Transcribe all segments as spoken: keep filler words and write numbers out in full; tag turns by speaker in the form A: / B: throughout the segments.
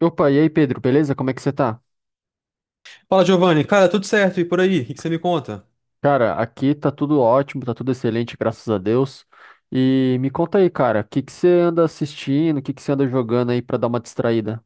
A: Opa, e aí, Pedro, beleza? Como é que você tá?
B: Fala, Giovanni. Cara, tudo certo e por aí? O que que você me conta?
A: Cara, aqui tá tudo ótimo, tá tudo excelente, graças a Deus. E me conta aí, cara, o que que você anda assistindo, o que que você anda jogando aí pra dar uma distraída?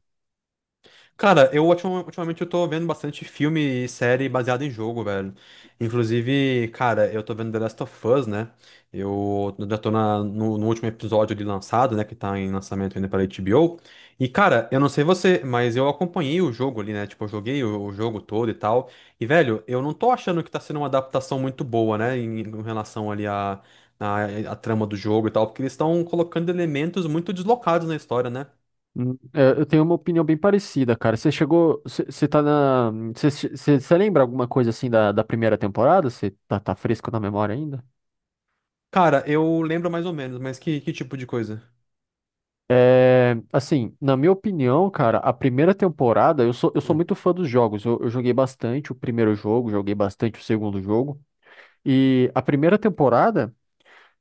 B: Cara, eu ultim- ultimamente eu tô vendo bastante filme e série baseado em jogo, velho. Inclusive, cara, eu tô vendo The Last of Us, né? Eu já tô na- no, no último episódio ali lançado, né? Que tá em lançamento ainda pela H B O. E, cara, eu não sei você, mas eu acompanhei o jogo ali, né? Tipo, eu joguei o, o jogo todo e tal. E, velho, eu não tô achando que tá sendo uma adaptação muito boa, né? Em, em relação ali à a, trama do jogo e tal, porque eles estão colocando elementos muito deslocados na história, né?
A: Hum, é, eu tenho uma opinião bem parecida, cara. Você chegou, você você tá na, você você- você lembra alguma coisa assim da, da primeira temporada? Você tá, tá fresco na memória ainda?
B: Cara, eu lembro mais ou menos, mas que, que tipo de coisa?
A: É, assim, na minha opinião, cara, a primeira temporada, eu sou, eu sou
B: Hum,
A: muito fã dos jogos. Eu, eu joguei bastante o primeiro jogo, joguei bastante o segundo jogo. E a primeira temporada,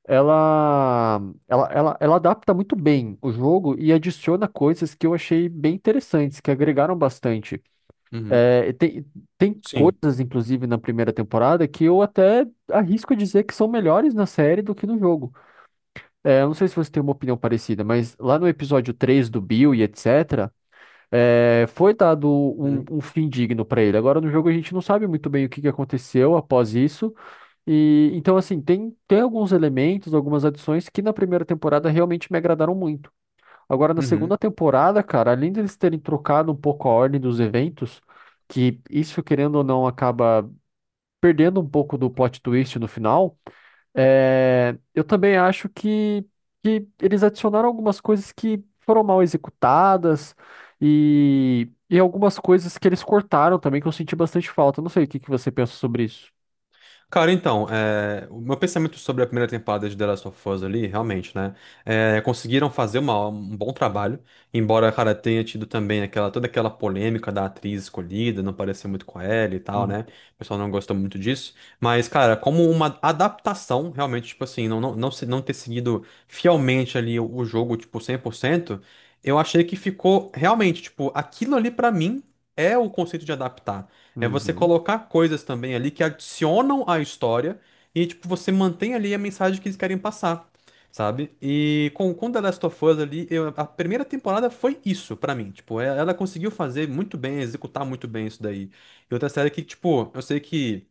A: ela, ela, ela, ela adapta muito bem o jogo e adiciona coisas que eu achei bem interessantes, que agregaram bastante.
B: uhum,
A: É, tem, tem
B: sim.
A: coisas, inclusive, na primeira temporada que eu até arrisco dizer que são melhores na série do que no jogo. É, eu não sei se você tem uma opinião parecida, mas lá no episódio três do Bill e etcétera, é, foi dado um,
B: Uhum,
A: um fim digno pra ele. Agora no jogo a gente não sabe muito bem o que que aconteceu após isso. E então, assim, tem, tem alguns elementos, algumas adições que na primeira temporada realmente me agradaram muito. Agora na segunda
B: uhum.
A: temporada, cara, além deles terem trocado um pouco a ordem dos eventos, que isso, querendo ou não, acaba perdendo um pouco do plot twist no final. É, eu também acho que, que eles adicionaram algumas coisas que foram mal executadas e, e algumas coisas que eles cortaram também que eu senti bastante falta. Não sei o que que você pensa sobre isso.
B: Cara, então, é, o meu pensamento sobre a primeira temporada de The Last of Us ali, realmente, né? É, conseguiram fazer uma- um bom trabalho, embora, cara, tenha tido também aquela, toda aquela polêmica da atriz escolhida, não parecer muito com ela e tal,
A: Uhum,
B: né? O pessoal não gostou muito disso. Mas, cara, como uma adaptação, realmente, tipo assim, não, não, não, se- não ter seguido fielmente ali o, o jogo, tipo, cem por cento eu achei que ficou realmente, tipo, aquilo ali pra mim é o conceito de adaptar. É você
A: uhum,
B: colocar coisas também ali que adicionam à história e, tipo, você mantém ali a mensagem que eles querem passar, sabe? E com, com The Last of Us ali, eu- a primeira temporada foi isso pra mim. Tipo, é- ela conseguiu fazer muito bem, executar muito bem isso daí. E outra série que, tipo, eu sei que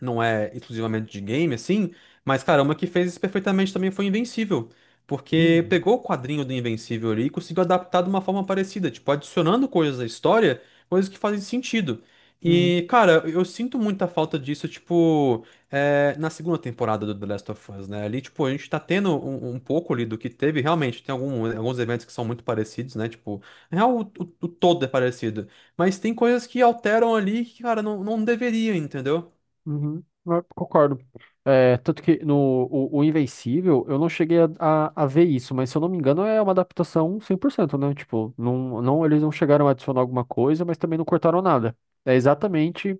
B: não é exclusivamente de game, assim, mas caramba, que fez isso perfeitamente também foi Invencível. Porque
A: uhum,
B: pegou o quadrinho do Invencível ali e conseguiu adaptar de uma forma parecida, tipo, adicionando coisas à história, coisas que fazem sentido.
A: uhum,
B: E, cara, eu sinto muita falta disso, tipo, é, na segunda temporada do The Last of Us, né? Ali, tipo, a gente tá tendo um, um pouco ali do que teve, realmente, tem algum- alguns eventos que são muito parecidos, né? Tipo, na real, o, o o todo é parecido. Mas tem coisas que alteram ali que, cara, não, não deveria, entendeu?
A: uhum. Eu concordo. É, tanto que no o, o Invencível eu não cheguei a, a, a ver isso, mas se eu não me engano é uma adaptação cem por cento, né? Tipo, não, não, eles não chegaram a adicionar alguma coisa, mas também não cortaram nada. É exatamente.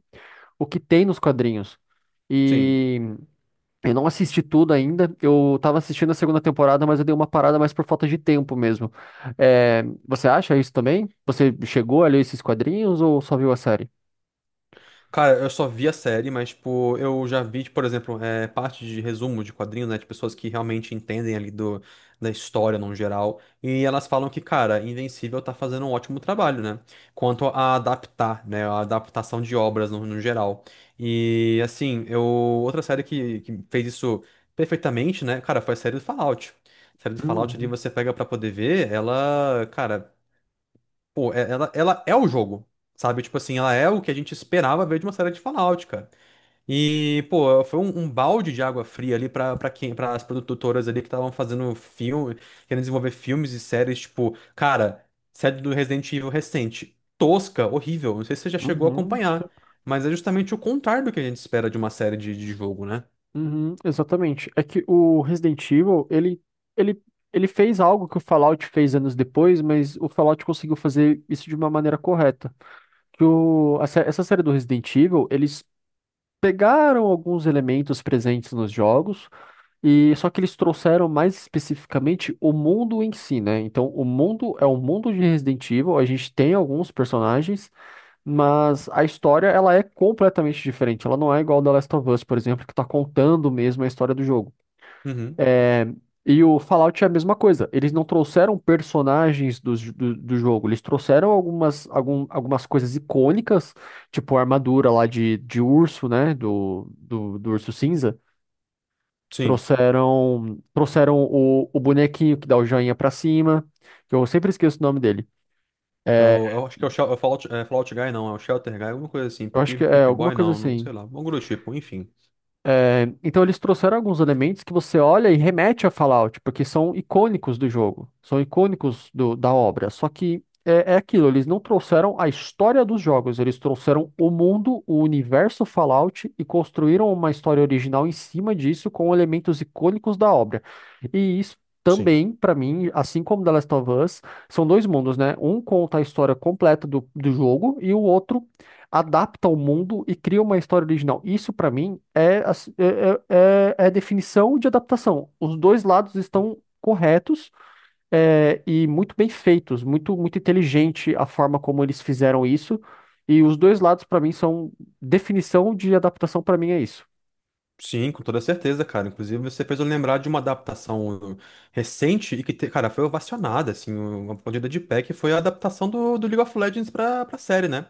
A: o que tem nos quadrinhos.
B: Sim.
A: E eu não assisti tudo ainda. Eu tava assistindo a segunda temporada, mas eu dei uma parada mais por falta de tempo mesmo. É, você acha isso também? Você chegou a ler esses quadrinhos ou só viu a série?
B: Cara, eu só vi a série, mas, tipo, eu já vi, tipo, por exemplo, é, parte de resumo de quadrinhos, né, de pessoas que realmente entendem ali do, da história no geral, e elas falam que, cara, Invencível tá fazendo um ótimo trabalho, né, quanto a adaptar, né, a adaptação de obras no, no geral. E, assim, eu, outra série que, que fez isso perfeitamente, né, cara, foi a série do Fallout. A série do Fallout ali
A: Uhum,
B: você pega pra poder ver, ela, cara. Pô, é- ela, ela é o jogo, sabe? Tipo assim, ela é o que a gente esperava ver de uma série de Fallout, cara. E, pô, foi um, um balde de água fria ali pra, pra quem, para as produtoras ali que estavam fazendo filme, querendo desenvolver filmes e séries, tipo, cara, série do Resident Evil recente, tosca, horrível. Não sei se você já chegou a
A: uhum,
B: acompanhar, mas é justamente o contrário do que a gente espera de uma série de, de jogo, né?
A: uhum, exatamente. É que o Resident Evil, ele, ele, ele fez algo que o Fallout fez anos depois, mas o Fallout conseguiu fazer isso de uma maneira correta. Que o, a sé- essa série do Resident Evil, eles pegaram alguns elementos presentes nos jogos. E só que eles trouxeram mais especificamente o mundo em si, né? Então, o mundo é um mundo de Resident Evil, a gente tem alguns personagens, mas a história ela é completamente diferente. Ela não é igual The Last of Us, por exemplo, que tá contando mesmo a história do jogo.
B: Uhum,
A: É, E o Fallout é a mesma coisa. Eles não trouxeram personagens do, do, do jogo, eles trouxeram algumas, algum- algumas coisas icônicas, tipo a armadura lá de, de urso, né? Do, do, do urso cinza.
B: sim.
A: Trouxeram, trouxeram o, o bonequinho que dá o joinha pra cima, que eu sempre esqueço o nome dele.
B: É o- Eu, acho que é o, Shel- é o Fallout, é Fallout Guy, não, é o Shelter Guy, alguma coisa assim,
A: Eu
B: Pip
A: acho que
B: Pip-
A: é
B: Pip
A: alguma
B: Boy,
A: coisa
B: não, não
A: assim.
B: sei lá, algum grupo do tipo, enfim.
A: É, então eles trouxeram alguns elementos que você olha e remete a Fallout, porque são icônicos do jogo, são icônicos do- da obra. Só que é, é aquilo, eles não trouxeram a história dos jogos, eles trouxeram o mundo, o universo Fallout e construíram uma história original em cima disso com elementos icônicos da obra. E isso
B: Sim.
A: também, pra mim, assim como The Last of Us, são dois mundos, né? Um conta a história completa do, do jogo e o outro adapta ao mundo e cria uma história original. Isso, pra mim, é, a s- é, é, é a definição de adaptação. Os dois lados estão corretos, é, e muito bem feitos, muito, muito inteligente a forma como eles fizeram isso. E os dois lados, pra mim, são definição de adaptação, pra mim, é isso.
B: Sim, com toda certeza, cara. Inclusive, você fez eu lembrar de uma adaptação recente e que, te- cara, foi ovacionada, assim, uma aplaudida de pé, que foi a adaptação do, do League of Legends pra, pra série, né?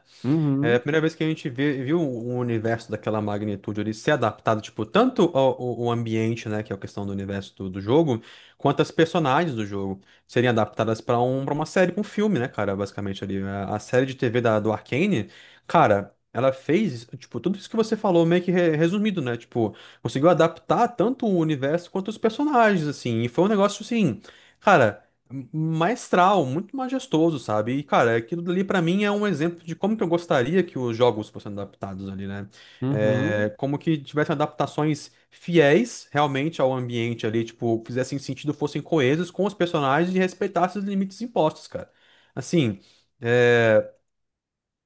B: É a
A: Uhum,
B: primeira vez que a gente vê- viu um um universo daquela magnitude ali ser adaptado, tipo, tanto ao, ao- ao ambiente, né, que é a questão do universo do, do jogo, quanto as personagens do jogo serem adaptadas para um, para uma série, pra um filme, né, cara, basicamente ali. A, a série de T V da, do Arcane, cara, ela fez, tipo, tudo isso que você falou meio que re- resumido, né, tipo, conseguiu adaptar tanto o universo quanto os personagens, assim, e foi um negócio, assim, cara maestral, muito majestoso, sabe? E, cara, aquilo dali pra mim é um exemplo de como que eu gostaria que os jogos fossem adaptados ali, né?
A: uhum.
B: É, como que tivessem adaptações fiéis realmente ao ambiente ali, tipo, fizessem sentido, fossem coesos com os personagens e respeitassem os limites impostos, cara. Assim. É,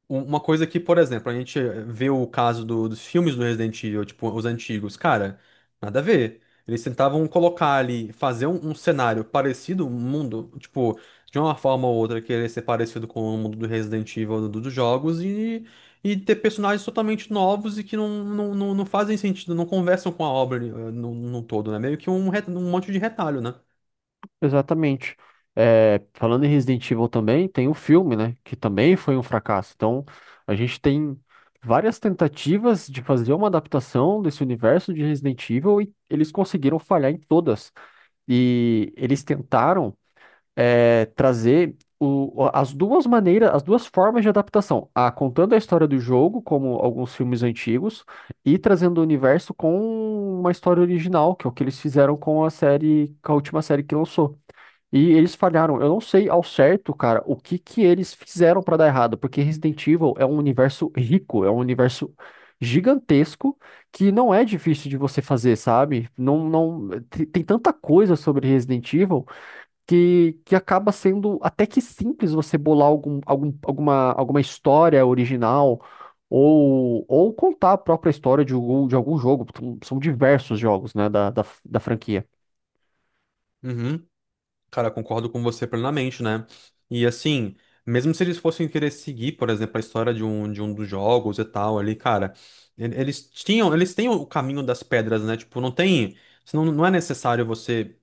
B: um- uma coisa que, por exemplo, a gente eh, vê o caso do- dos filmes do Resident Evil, tipo, os antigos, cara, nada a ver. Eles tentavam colocar ali, fazer um, um cenário parecido, um mundo, tipo, de uma forma ou outra, querer ser parecido com o mundo do Resident Evil, do- dos jogos, e, e ter personagens totalmente novos e que não, não, não, não fazem sentido, não conversam com a obra eh, no, no todo, né? Meio que um, re- um monte de retalho, né?
A: Exatamente. É, falando em Resident Evil também, tem o filme, né? Que também foi um fracasso. Então, a gente tem várias tentativas de fazer uma adaptação desse universo de Resident Evil e eles conseguiram falhar em todas. E eles tentaram, é, trazer o- as duas maneiras, as duas formas de adaptação. A contando a história do jogo, como alguns filmes antigos, e trazendo o universo com uma história original, que é o que eles fizeram com a série, com a última série que lançou. E eles falharam. Eu não sei ao certo, cara, o que que eles fizeram pra dar errado, porque Resident Evil é um universo rico, é um universo gigantesco que não é difícil de você fazer, sabe? Não, não tem, tem tanta coisa sobre Resident Evil que, que acaba sendo até que simples você bolar algum, algum, alguma, alguma história original ou, ou contar a própria história de algum, de algum jogo. São diversos jogos, né, da, da, da franquia.
B: Uhum. Cara, concordo com você plenamente, né? E assim, mesmo se eles fossem querer seguir, por exemplo, a história de um, de um dos jogos e tal ali, cara, ele- eles tinham, eles têm o caminho das pedras, né? Tipo, não tem, senão não é necessário você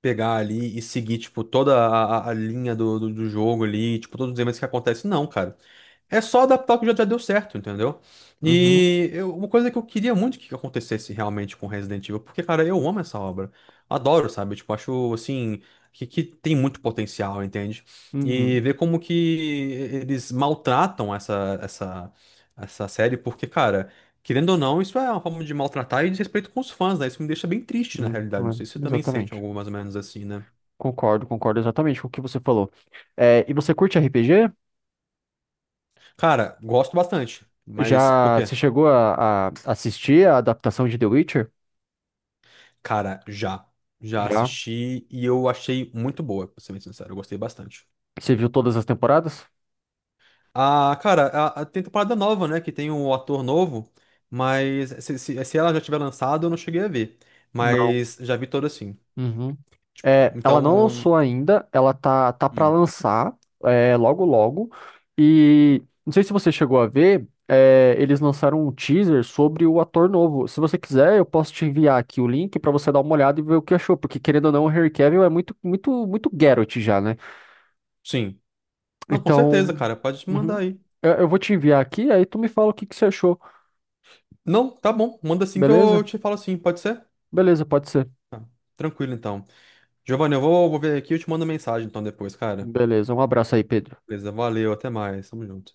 B: pegar ali e seguir, tipo, toda a, a- a linha do, do, do jogo ali, tipo, todos os eventos que acontecem, não, cara. É só adaptar o que já já deu certo, entendeu?
A: Uhum,
B: E eu- uma coisa que eu queria muito que acontecesse realmente com Resident Evil, porque, cara, eu amo essa obra. Adoro, sabe? Tipo, acho, assim, que, que tem muito potencial, entende? E
A: uhum.
B: ver como que eles maltratam essa, essa, essa série, porque, cara, querendo ou não, isso é uma forma de maltratar e desrespeito com os fãs, né? Isso me deixa bem triste, na
A: Hum,
B: realidade. Não sei se você
A: é,
B: também sente
A: exatamente.
B: algo mais ou menos assim, né?
A: Concordo, concordo exatamente com o que você falou. É, e você curte R P G?
B: Cara, gosto bastante, mas por
A: Já você
B: quê?
A: chegou a, a assistir a adaptação de The Witcher?
B: Cara, já. Já
A: Já?
B: assisti e eu achei muito boa, pra ser bem sincero. Eu gostei bastante.
A: Você viu todas as temporadas?
B: Ah, cara, a, a- tem temporada nova, né? Que tem um ator novo, mas se, se, se ela já tiver lançado, eu não cheguei a ver.
A: Não.
B: Mas já vi toda assim.
A: Uhum. É, ela não
B: Então,
A: lançou ainda, ela tá, tá para
B: hum.
A: lançar é, logo logo. E não sei se você chegou a ver, é, eles lançaram um teaser sobre o ator novo. Se você quiser, eu posso te enviar aqui o link pra você dar uma olhada e ver o que achou, porque querendo ou não, o Henry Cavill é muito, muito, muito Geralt já, né?
B: Sim. Não, com certeza,
A: Então,
B: cara. Pode mandar
A: uhum.
B: aí.
A: Eu, eu vou te enviar aqui, aí tu me fala o que que você achou,
B: Não, tá bom. Manda assim que eu
A: beleza?
B: te falo assim, pode ser?
A: Beleza, pode ser.
B: Tranquilo, então. Giovanni, eu vou, vou ver aqui e eu te mando mensagem então depois, cara.
A: Beleza, um abraço aí, Pedro.
B: Beleza, valeu, até mais. Tamo junto.